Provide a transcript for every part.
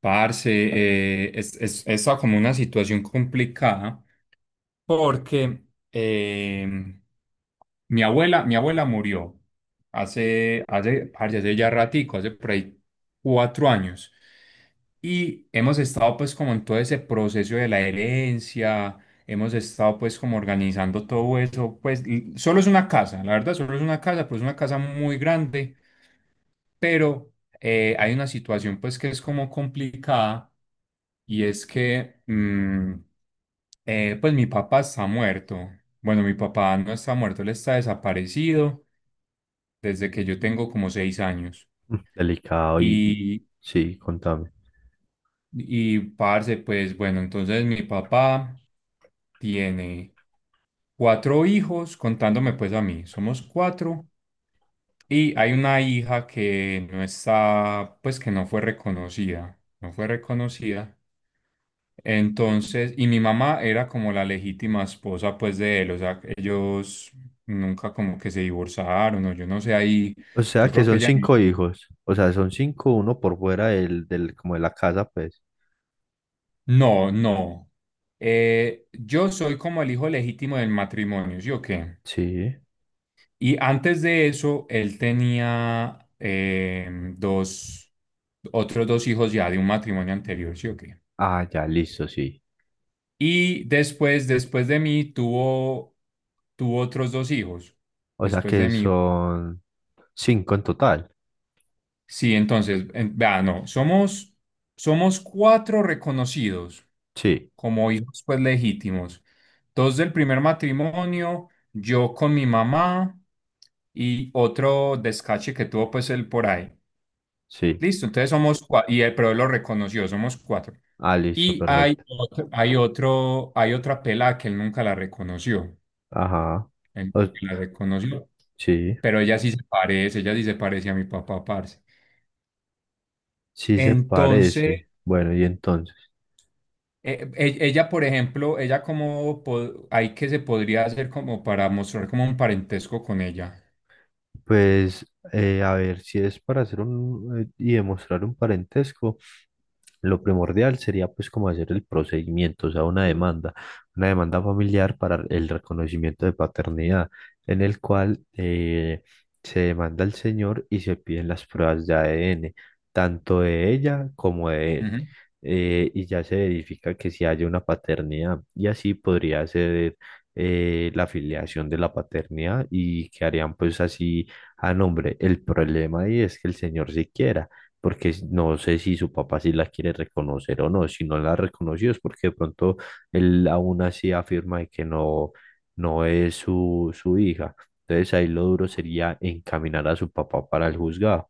Parce, está como una situación complicada porque eh, mi abuela murió hace, parce, hace ya ratico, hace por ahí 4 años. Y hemos estado pues como en todo ese proceso de la herencia, hemos estado pues como organizando todo eso, pues y solo es una casa, la verdad, solo es una casa, pero es una casa muy grande, pero hay una situación pues que es como complicada. Y es que, pues mi papá está muerto. Bueno, mi papá no está muerto, él está desaparecido desde que yo tengo como 6 años. Delicado y- Y, sí, contame. y, parce, pues bueno, entonces mi papá tiene cuatro hijos, contándome pues a mí, somos cuatro. Y hay una hija que no está, pues que no fue reconocida, no fue reconocida. Entonces, y mi mamá era como la legítima esposa pues de él, o sea, ellos nunca como que se divorciaron o yo no sé, ahí O sea yo que creo que son ella. cinco hijos. O sea, son cinco, uno por fuera del, como de la casa, pues. No, no. Yo soy como el hijo legítimo del matrimonio, ¿sí o qué? Sí. Y antes de eso, él tenía otros dos hijos ya de un matrimonio anterior, ¿sí o qué? Ah, ya, listo, sí. Y después, después de mí, tuvo otros dos hijos, O sea después de que mí. son cinco en total. Sí, entonces, vea, no, somos cuatro reconocidos Sí, como hijos pues legítimos. Dos del primer matrimonio, yo con mi mamá y otro descache que tuvo pues él por ahí. sí. Listo, entonces somos cuatro, y él, pero él lo reconoció, somos cuatro. Ah, listo, Y perfecto. hay otra pela que él nunca la reconoció. Ajá. Él O- la reconoció, sí, pero ella sí se parece, ella sí se parece a mi papá, parce. sí se Entonces, parece. Bueno, y entonces, ella, por ejemplo, ella como hay que se podría hacer como para mostrar como un parentesco con ella. pues, a ver, si es para hacer un, y demostrar un parentesco. Lo primordial sería pues como hacer el procedimiento, o sea, una demanda familiar para el reconocimiento de paternidad, en el cual se demanda al señor y se piden las pruebas de ADN, tanto de ella como de él, Ujú. Y ya se verifica que si haya una paternidad y así podría ser la afiliación de la paternidad y quedarían pues así a nombre. El problema ahí es que el señor siquiera porque no sé si su papá sí la quiere reconocer o no. Si no la reconoció es porque de pronto él aún así afirma de que no, no es su hija. Entonces ahí lo duro sería encaminar a su papá para el juzgado.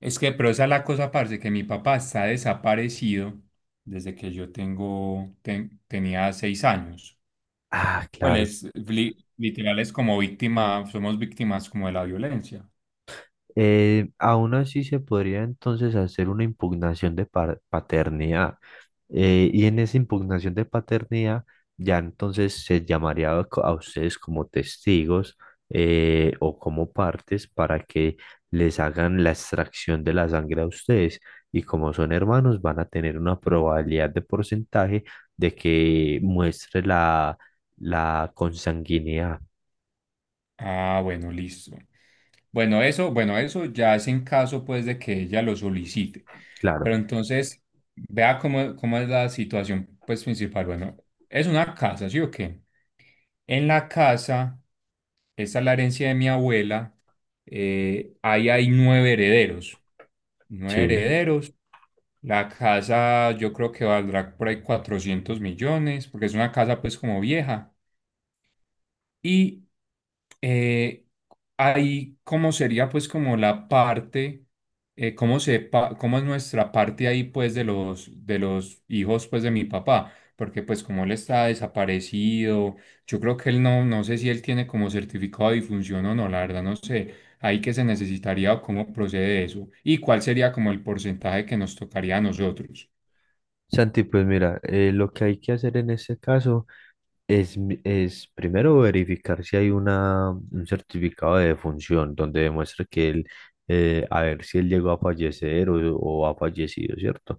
Es que, pero esa es la cosa, parce, que mi papá está desaparecido desde que yo tenía 6 años. Ah, Pues claro. literal es como víctima, somos víctimas como de la violencia. Aún así se podría entonces hacer una impugnación de paternidad. Y en esa impugnación de paternidad ya entonces se llamaría a ustedes como testigos, o como partes para que les hagan la extracción de la sangre a ustedes. Y como son hermanos, van a tener una probabilidad de porcentaje de que muestre la consanguinidad. Ah, bueno, listo. Bueno, eso ya es en caso pues de que ella lo solicite. Claro, Pero entonces, vea cómo es la situación pues principal. Bueno, es una casa, ¿sí o qué? En la casa, esta es la herencia de mi abuela, ahí hay nueve herederos. Nueve sí. herederos. La casa yo creo que valdrá por ahí 400 millones, porque es una casa pues como vieja. Y eh, ahí cómo sería pues como la parte, cómo es nuestra parte ahí pues de los hijos pues de mi papá, porque pues como él está desaparecido, yo creo que él no, no sé si él tiene como certificado de difunción o no, la verdad no sé, ahí que se necesitaría o cómo procede eso y cuál sería como el porcentaje que nos tocaría a nosotros. Santi, pues mira, lo que hay que hacer en ese caso. Es, es primero verificar si hay un certificado de defunción donde demuestre que él, a ver si él llegó a fallecer o ha fallecido, ¿cierto?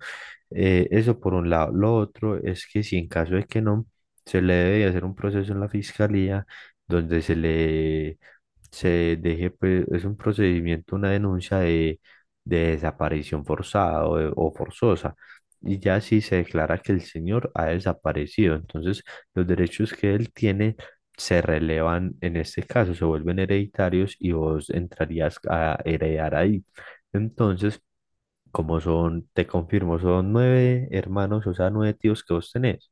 Eso por un lado. Lo otro es que si en caso de que no, se le debe hacer un proceso en la fiscalía donde se le se deje, pues, es un procedimiento, una denuncia de desaparición forzada o forzosa. Y ya si se declara que el señor ha desaparecido, entonces los derechos que él tiene se relevan en este caso, se vuelven hereditarios y vos entrarías a heredar ahí. Entonces, como son, te confirmo, son nueve hermanos, o sea, nueve tíos que vos tenés.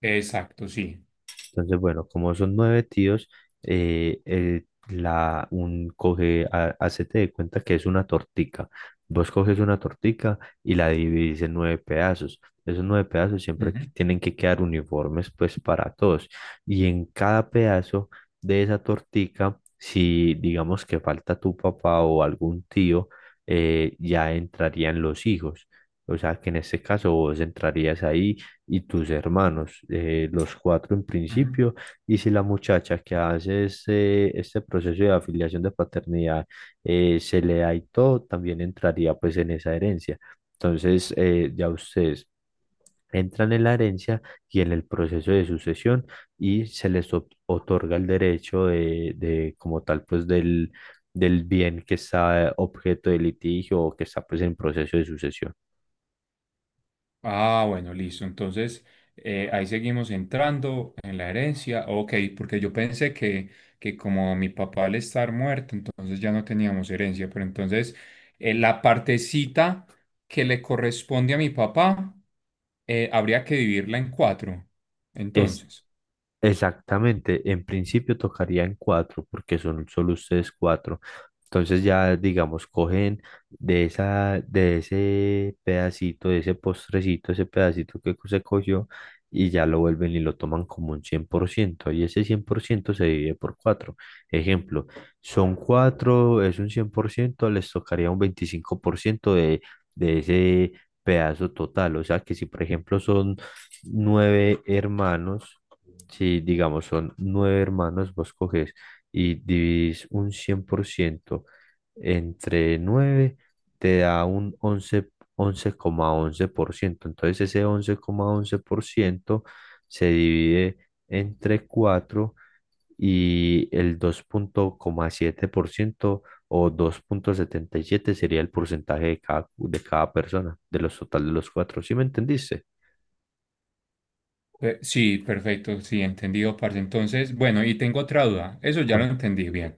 Exacto, sí. Entonces, bueno, como son nueve tíos, el la, un coge, ha- hacete de cuenta que es una tortica. Vos coges una tortica y la dividís en nueve pedazos. Esos nueve pedazos siempre Ujú, tienen que quedar uniformes, pues, para todos. Y en cada pedazo de esa tortica, si digamos que falta tu papá o algún tío, ya entrarían los hijos. O sea, que en este caso vos entrarías ahí y tus hermanos, los cuatro en ujú. principio, y si la muchacha que hace este proceso de afiliación de paternidad se le da y todo, también entraría pues en esa herencia. Entonces, ya ustedes entran en la herencia y en el proceso de sucesión y se les otorga el derecho de como tal, pues del bien que está objeto de litigio o que está pues en proceso de sucesión. Ah, bueno, listo. Entonces, ahí seguimos entrando en la herencia. Ok, porque yo pensé que como mi papá al estar muerto, entonces ya no teníamos herencia. Pero entonces, la partecita que le corresponde a mi papá, habría que dividirla en cuatro. Es Entonces, exactamente, en principio tocaría en cuatro, porque son solo ustedes cuatro. Entonces ya, digamos, cogen de de ese pedacito, de ese postrecito, ese pedacito que se cogió, y ya lo vuelven y lo toman como un 100% y ese 100% se divide por cuatro. Ejemplo, son cuatro, es un 100% les tocaría un 25% de ese pedazo total. O sea que si, por ejemplo, son nueve hermanos, si digamos son nueve hermanos, vos coges y dividís un 100% entre nueve, te da un once coma once por ciento. Entonces ese once once coma once por ciento se divide entre cuatro y el dos coma siete por ciento o dos coma setenta y siete sería el porcentaje de cada persona, de los total de los cuatro. ¿Sí me entendiste? Sí, perfecto, sí, entendido, parce. Entonces, bueno, y tengo otra duda. Eso ya lo Con entendí bien.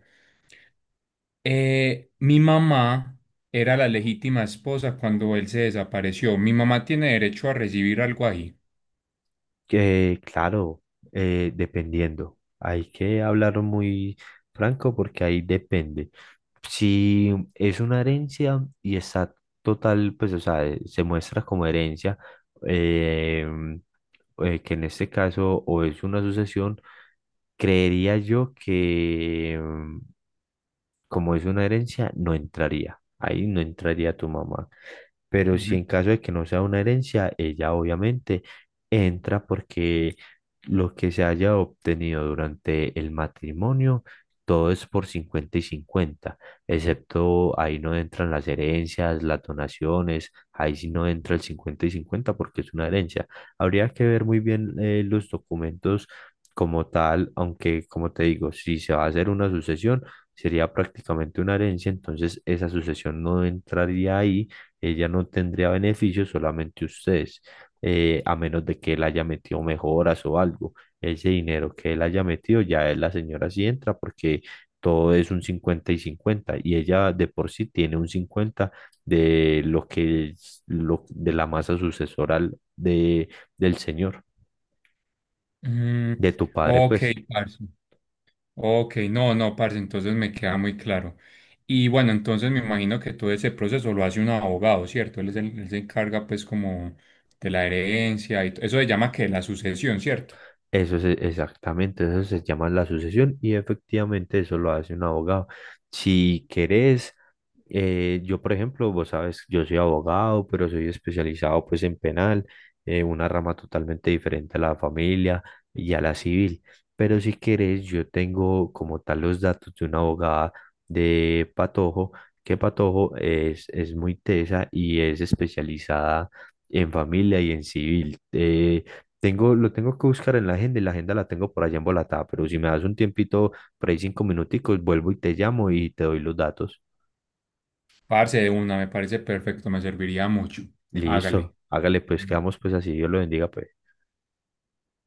Mi mamá era la legítima esposa cuando él se desapareció. Mi mamá tiene derecho a recibir algo ahí. que claro, dependiendo. Hay que hablar muy franco porque ahí depende. Si es una herencia y está total, pues, o sea, se muestra como herencia, eh, que en este caso o es una sucesión, creería yo que como es una herencia, no entraría. Ahí no entraría tu mamá. Pero si en Ujú. caso de que no sea una herencia, ella obviamente entra porque lo que se haya obtenido durante el matrimonio, todo es por 50 y cincuenta, excepto ahí no entran las herencias, las donaciones, ahí sí no entra el 50 y 50 porque es una herencia. Habría que ver muy bien los documentos como tal, aunque como te digo, si se va a hacer una sucesión, sería prácticamente una herencia, entonces esa sucesión no entraría ahí, ella no tendría beneficios, solamente ustedes, a menos de que él haya metido mejoras o algo. Ese dinero que él haya metido, ya la señora sí entra porque todo es un 50 y 50 y ella de por sí tiene un 50 de lo que es lo, de la masa sucesoral del señor, Mm, de tu padre, ok, pues. parce. Ok, no, no, parce, entonces me queda muy claro. Y bueno, entonces me imagino que todo ese proceso lo hace un abogado, ¿cierto? Él se encarga pues como de la herencia y eso se llama que la sucesión, ¿cierto? Eso es exactamente, eso se llama la sucesión y efectivamente eso lo hace un abogado. Si querés, yo por ejemplo, vos sabes, yo soy abogado, pero soy especializado pues en penal, una rama totalmente diferente a la familia y a la civil. Pero si querés, yo tengo como tal los datos de una abogada de Patojo, que Patojo es muy tesa y es especializada en familia y en civil. Tengo, lo tengo que buscar en la agenda y la agenda la tengo por allá embolatada, pero si me das un tiempito, por ahí cinco minuticos, vuelvo y te llamo y te doy los datos. Parce de una, me parece perfecto, me serviría mucho. Hágale. Listo, hágale pues, quedamos pues así, Dios lo bendiga pues.